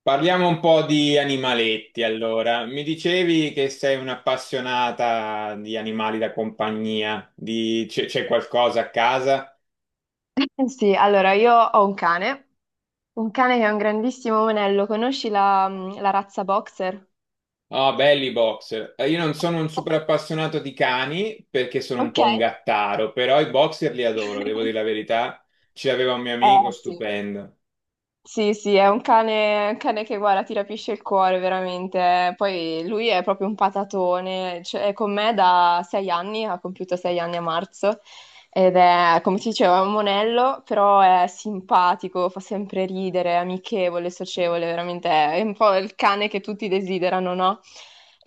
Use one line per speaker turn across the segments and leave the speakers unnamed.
Parliamo un po' di animaletti allora. Mi dicevi che sei un'appassionata di animali da compagnia, c'è qualcosa a casa?
Eh sì, allora io ho un cane che è un grandissimo monello. Conosci la razza boxer?
Ah, belli i boxer. Io non sono un super appassionato di cani perché sono un
Ok.
po' un gattaro, però i boxer li adoro, devo dire la verità. Ce l'aveva un mio amico,
Eh sì,
stupendo.
sì, sì, è un cane che guarda, ti rapisce il cuore veramente. Poi lui è proprio un patatone, cioè, è con me da 6 anni, ha compiuto 6 anni a marzo ed è, come ti dicevo, è un monello, però è simpatico, fa sempre ridere, è amichevole, socievole, veramente è un po' il cane che tutti desiderano, no?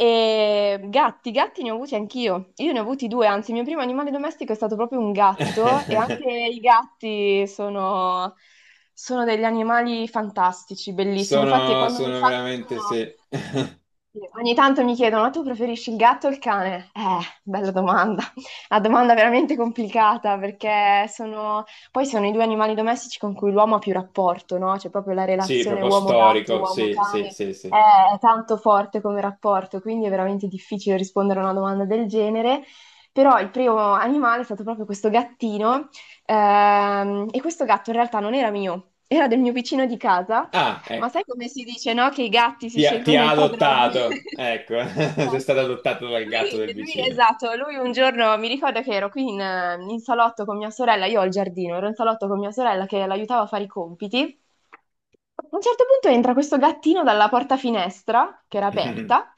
E gatti, gatti ne ho avuti anch'io. Io ne ho avuti due, anzi, il mio primo animale domestico è stato proprio un gatto e anche i gatti sono degli animali fantastici, bellissimi. Infatti,
Sono,
quando mi
sono veramente,
fanno,
sì.
sì, ogni tanto mi chiedono, ma tu preferisci il gatto o il cane? Bella domanda. Una domanda veramente complicata perché sono poi sono i due animali domestici con cui l'uomo ha più rapporto, no? C'è proprio la
Sì,
relazione
proprio
uomo-gatto,
storico, sì, sì,
uomo-cane,
sì, sì.
è tanto forte come rapporto, quindi è veramente difficile rispondere a una domanda del genere. Però il primo animale è stato proprio questo gattino, e questo gatto in realtà non era mio, era del mio vicino di casa,
Ah,
ma
ecco.
sai come si dice, no? Che i gatti si
Ti
scelgono
ha
il padrone.
adottato, ecco, sei
Eh
stato
sì.
adottato dal gatto del vicino.
Esatto, lui un giorno mi ricordo che ero in salotto con mia sorella, io ho il giardino, ero in salotto con mia sorella che l'aiutava a fare i compiti. A un certo punto entra questo gattino dalla porta finestra, che era aperta,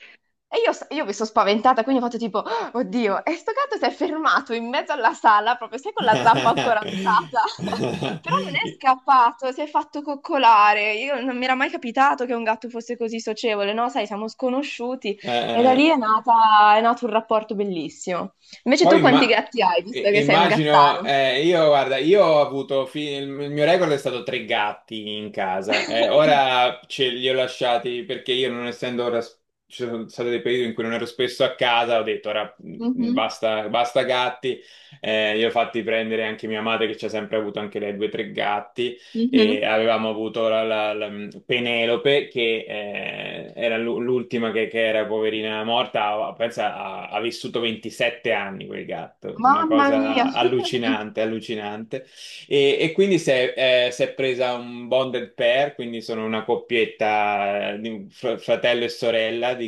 e io mi sono spaventata, quindi ho fatto tipo, oddio, e sto gatto si è fermato in mezzo alla sala, proprio sai con la zampa ancora alzata, però non è scappato, si è fatto coccolare. Io non mi era mai capitato che un gatto fosse così socievole, no? Sai, siamo sconosciuti
Eh,
e da lì
eh,
è nato un rapporto bellissimo. Invece
Poi
tu quanti
imma-
gatti hai, visto che sei un
immagino,
gattaro?
io guarda, io ho avuto, il mio record è stato tre gatti in casa, ora ce li ho lasciati perché io non essendo ora, ci sono stati dei periodi in cui non ero spesso a casa, ho detto ora
Mhm,
basta, basta gatti, li ho fatti prendere anche mia madre che ci ha sempre avuto anche lei due o tre gatti. E
mhm.
avevamo avuto Penelope che era l'ultima che era poverina morta, pensa, ha, ha vissuto 27 anni quel gatto, una
Mamma mia.
cosa allucinante, allucinante. E quindi si è presa un bonded pair, quindi sono una coppietta di un fratello e sorella di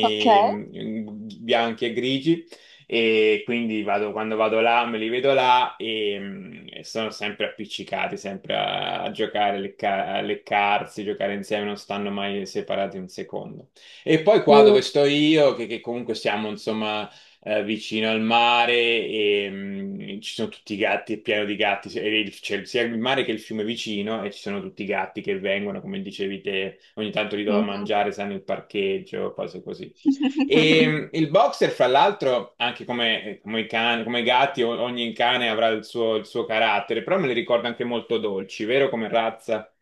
Ok.
bianchi e grigi e quindi quando vado là me li vedo là e sono sempre appiccicati, sempre a, a giocare, a a leccarsi, giocare insieme, non stanno mai separati un secondo. E poi
Sì.
qua dove sto io, che comunque siamo insomma vicino al mare e ci sono tutti i gatti, è pieno di gatti, e c'è sia il mare che il fiume vicino e ci sono tutti i gatti che vengono, come dicevi te, ogni tanto gli do da
Mhm.
mangiare, sanno il parcheggio, cose così. E il boxer, fra l'altro, anche come, come i cani, come i gatti, ogni cane avrà il suo carattere, però me li ricorda anche molto dolci, vero? Come razza.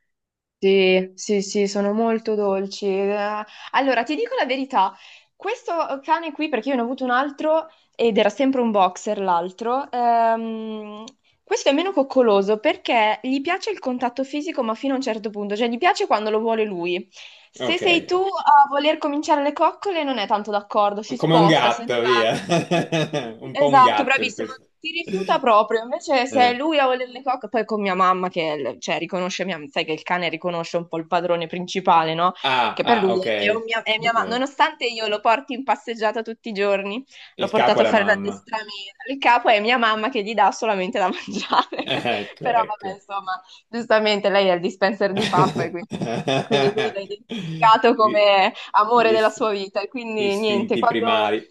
Sì, sì, sì, sono molto dolci. Allora, ti dico la verità, questo cane qui, perché io ne ho avuto un altro ed era sempre un boxer l'altro, questo è meno coccoloso perché gli piace il contatto fisico, ma fino a un certo punto, cioè gli piace quando lo vuole lui. Se
Ok,
sei tu a voler cominciare le coccole, non è tanto d'accordo, si
come un
sposta, se ne
gatto,
va.
via. Un po' un
Esatto,
gatto in
bravissimo,
questo.
ti rifiuta proprio. Invece se è
Eh.
lui a voler le coccole, poi con mia mamma cioè, riconosce, sai che il cane riconosce un po' il padrone principale, no?
Ah,
Che per
ah,
lui
ok.
è, è mia
Ok.
mamma, nonostante io lo porti in passeggiata tutti i giorni. L'ho
Il capo è
portato a
la
fare
mamma.
l'addestramento. Il capo è mia mamma che gli dà solamente da mangiare.
Eh, ecco,
Però vabbè,
ecco.
insomma, giustamente lei è il dispenser di pappa e quindi, quindi lui l'ha identificato
Gli
come amore
gli
della sua vita. E quindi niente,
istinti
quando,
primari.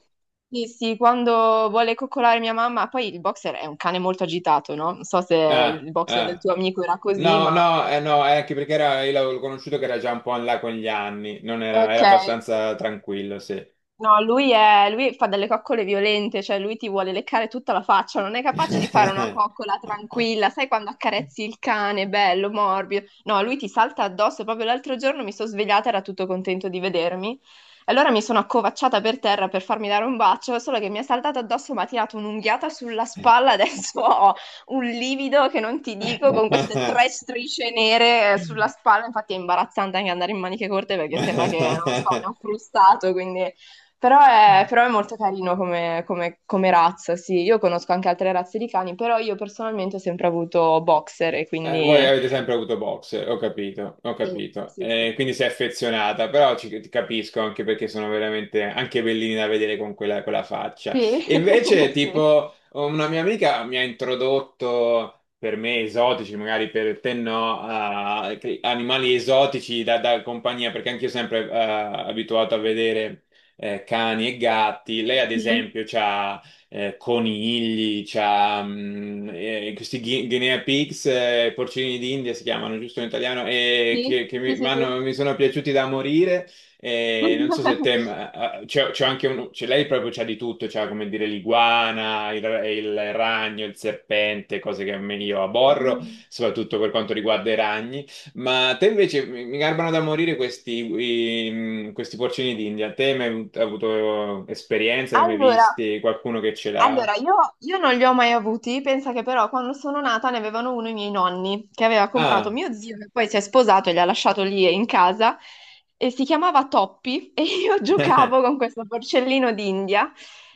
sì, sì, quando vuole coccolare mia mamma, poi il boxer è un cane molto agitato, no? Non so se
Ah,
il boxer del
ah.
tuo amico era così,
No,
ma
no, no, è anche perché era, io l'avevo conosciuto che era già un po' in là con gli anni, non era,
ok.
era abbastanza tranquillo, sì.
No, lui fa delle coccole violente, cioè lui ti vuole leccare tutta la faccia, non è capace di fare una coccola tranquilla, sai quando accarezzi il cane, bello, morbido. No, lui ti salta addosso, proprio l'altro giorno mi sono svegliata, era tutto contento di vedermi. Allora mi sono accovacciata per terra per farmi dare un bacio, solo che mi ha saltato addosso, mi ha tirato un'unghiata sulla spalla, adesso ho un livido che non ti dico, con queste tre strisce nere sulla spalla, infatti è imbarazzante anche andare in maniche corte perché sembra che, non so, mi ha frustato, quindi però è, però è molto carino come razza, sì. Io conosco anche altre razze di cani, però io personalmente ho sempre avuto boxer e
Voi
quindi
avete sempre avuto box, ho capito, ho
sì,
capito.
sì, sì.
Quindi sei affezionata, però ci, ti capisco anche perché sono veramente anche bellini da vedere con quella, quella faccia.
Sì,
E invece,
sì.
tipo, una mia amica mi ha introdotto, per me esotici, magari per te no, a animali esotici da, da compagnia, perché anch'io sempre abituato a vedere cani e gatti. Lei, ad
Mhm.
esempio, c'ha conigli, c'ha, questi guinea pigs, porcini d'India si chiamano giusto in italiano, e
Sì,
che
sì,
mi,
sì, sì.
mi sono piaciuti da morire. E non so se te, c'è anche uno, lei proprio c'ha di tutto, c'ha come dire l'iguana, il ragno, il serpente, cose che io aborro, soprattutto per quanto riguarda i ragni. Ma te invece mi garbano da morire questi, questi porcini d'India. Te mi hai mai avuto esperienze, ne hai mai
Allora,
visti? Qualcuno che ce l'ha?
allora, io non li ho mai avuti, pensa che però quando sono nata ne avevano uno i miei nonni, che aveva comprato
Ah,
mio zio, che poi si è sposato e li ha lasciato lì in casa, e si chiamava Toppi, e io giocavo con questo porcellino d'India,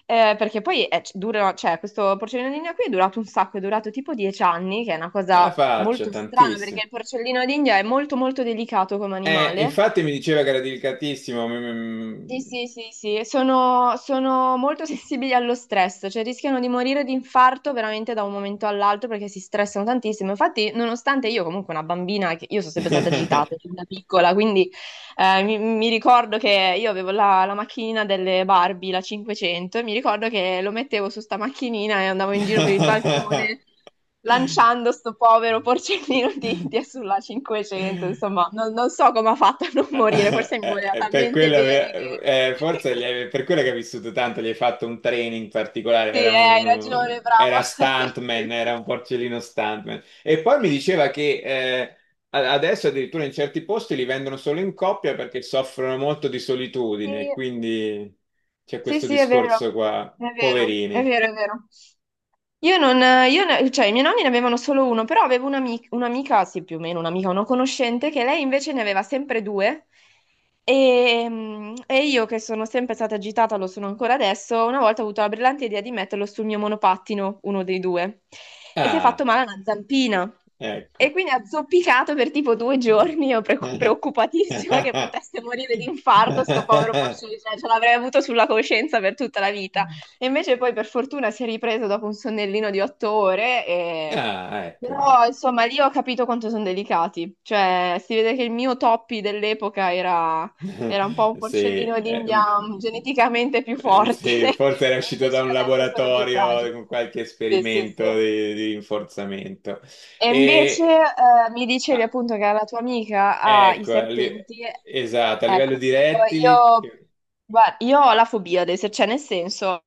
perché poi è, dura, cioè, questo porcellino d'India qui è durato un sacco, è durato tipo 10 anni, che è una
alla
cosa
faccia,
molto strana,
tantissimo.
perché il porcellino d'India è molto molto delicato come animale,
Infatti mi diceva che era delicatissimo.
sì, sì, sì, sì, e sono molto sensibili allo stress, cioè rischiano di morire di infarto veramente da un momento all'altro perché si stressano tantissimo. Infatti, nonostante io comunque una bambina, io sono sempre stata
Mi-
agitata fin da piccola, quindi mi ricordo che io avevo la macchinina delle Barbie, la 500, e mi ricordo che lo mettevo su sta macchinina e andavo in giro per il balcone lanciando sto povero porcellino di
mi-
India sulla 500, insomma, non so come ha fatto a non morire, forse mi voleva
Per
talmente
quello,
bene che
per quello che hai vissuto tanto, gli hai fatto un training particolare,
sì,
era
hai
un,
ragione,
era
bravo. Sì,
stuntman, era
sì.
un porcellino stuntman. E poi mi diceva che adesso addirittura in certi posti li vendono solo in coppia perché soffrono molto di solitudine,
Sì,
quindi c'è
sì,
questo
sì, è
discorso
vero,
qua,
è vero, è
poverini.
vero, è vero. Io non, cioè, i miei nonni ne avevano solo uno, però avevo un'amica, sì, più o meno un'amica, una conoscente, che lei invece ne aveva sempre due. E, mm, e io, che sono sempre stata agitata, lo sono ancora adesso, una volta ho avuto la brillante idea di metterlo sul mio monopattino, uno dei due, e si è fatto
Ah,
male a una zampina. E
ecco.
quindi ha zoppicato per tipo 2 giorni, io preoccupatissima che potesse morire di infarto, sto povero porcino, cioè, ce l'avrei avuto sulla coscienza per tutta la vita. E invece poi per fortuna si è ripreso dopo un sonnellino di 8 ore e
Ah, ecco,
però
ecco.
insomma lì ho capito quanto sono delicati, cioè si vede che il mio Toppi dell'epoca era, era un po' un
Sì,
porcellino d'India mm, geneticamente più forte
sì,
e
forse era uscito da
invece
un
adesso sono più
laboratorio
fragili.
con qualche
Sì, sì,
esperimento
sì.
di rinforzamento.
E invece
E
mi dicevi
ah,
appunto che la tua amica ha i
ecco, a li-
serpenti.
esatto, a livello
Ecco,
di rettili,
guarda, io ho la fobia adesso, cioè nel senso,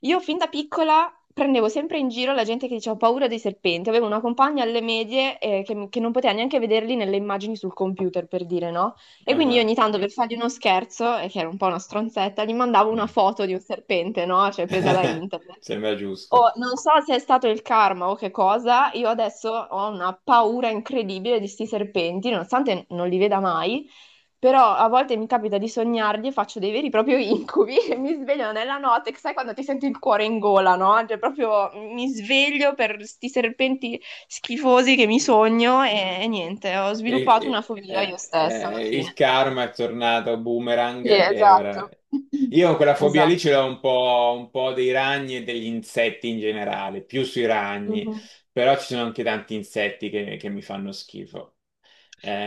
io fin da piccola prendevo sempre in giro la gente che diceva ho paura dei serpenti. Avevo una compagna alle medie che non poteva neanche vederli nelle immagini sul computer, per dire, no? E
ah,
quindi io
ah.
ogni tanto per fargli uno scherzo, e che era un po' una stronzetta, gli mandavo una foto di un serpente, no? Cioè presa da internet.
Sembra
Oh,
giusto.
non so se è stato il karma o che cosa, io adesso ho una paura incredibile di sti serpenti, nonostante non li veda mai, però a volte mi capita di sognarli e faccio dei veri e propri incubi e mi sveglio nella notte, sai quando ti senti il cuore in gola, no? Cioè proprio mi sveglio per sti serpenti schifosi che mi sogno e niente, ho sviluppato una fobia io stessa alla
Il
fine.
karma è tornato boomerang
Sì,
e ora...
esatto.
Io quella fobia lì
Esatto.
ce l'ho un po' dei ragni e degli insetti in generale, più sui ragni,
Mhm.
però ci sono anche tanti insetti che mi fanno schifo.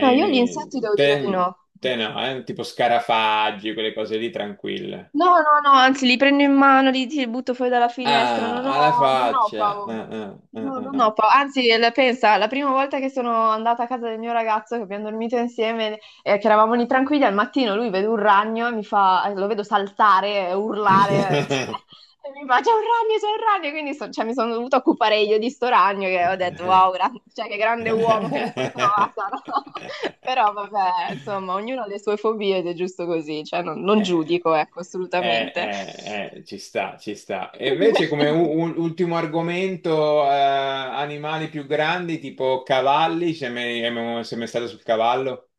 No, io gli insetti devo dire di
te,
no.
te no, tipo scarafaggi, quelle cose lì tranquille.
No, no, no, anzi, li prendo in mano, li butto fuori dalla finestra,
Ah, alla
non ho
faccia.
paura.
Ah, ah, ah,
No,
ah,
non
ah.
ho paura. Anzi, pensa, la prima volta che sono andata a casa del mio ragazzo, che abbiamo dormito insieme, che eravamo lì tranquilli, al mattino lui vede un ragno e mi fa, lo vedo saltare, urlare, e mi fa c'è un ragno, quindi cioè, mi sono dovuta occupare io di sto ragno che ho detto wow, cioè, che grande uomo che mi sono trovata, no? Però vabbè, insomma, ognuno ha le sue fobie ed è giusto così, cioè non
Eh,
giudico, ecco,
eh,
assolutamente.
ci sta, ci sta. E invece come ultimo argomento, animali più grandi, tipo cavalli, se mai stato sul cavallo?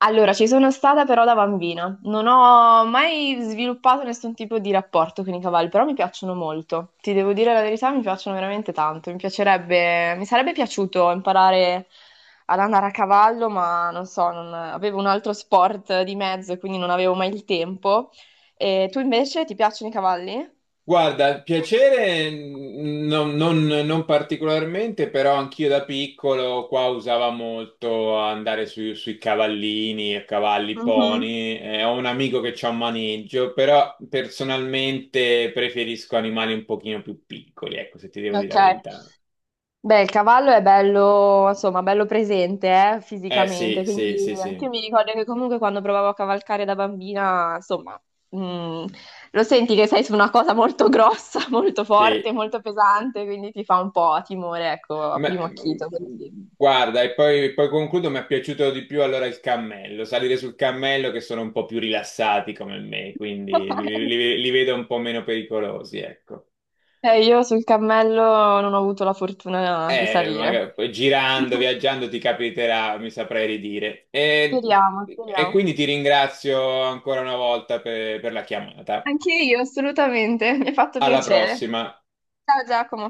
Allora, ci sono stata però da bambina. Non ho mai sviluppato nessun tipo di rapporto con i cavalli, però mi piacciono molto. Ti devo dire la verità, mi piacciono veramente tanto. Mi piacerebbe, mi sarebbe piaciuto imparare ad andare a cavallo, ma non so, avevo un altro sport di mezzo, quindi non avevo mai il tempo. E tu invece ti piacciono i cavalli?
Guarda, piacere non, non particolarmente, però anch'io da piccolo qua usava molto andare sui cavallini, a cavalli,
Mhm.
pony. Ho un amico che c'ha un maneggio, però personalmente preferisco animali un pochino più piccoli, ecco, se ti devo dire
Ok.
la verità.
Beh, il cavallo è bello, insomma, bello presente,
Eh
fisicamente,
sì, sì,
quindi
sì,
anche io
sì,
mi ricordo che comunque quando provavo a cavalcare da bambina, insomma, mm, lo senti che sei su una cosa molto grossa, molto forte,
sì.
molto pesante, quindi ti fa un po' timore, ecco, a
Ma-
primo acchito, quello sì.
guarda, e poi, poi concludo, mi è piaciuto di più allora il cammello, salire sul cammello che sono un po' più rilassati come me, quindi li, li vedo un po' meno pericolosi, ecco.
Io sul cammello non ho avuto la fortuna di salire.
Magari, poi girando, viaggiando ti capiterà, mi saprei ridire.
Speriamo,
E
speriamo.
quindi ti ringrazio ancora una volta per la chiamata.
Anche io, assolutamente, mi ha fatto
Alla
piacere.
prossima.
Ciao Giacomo.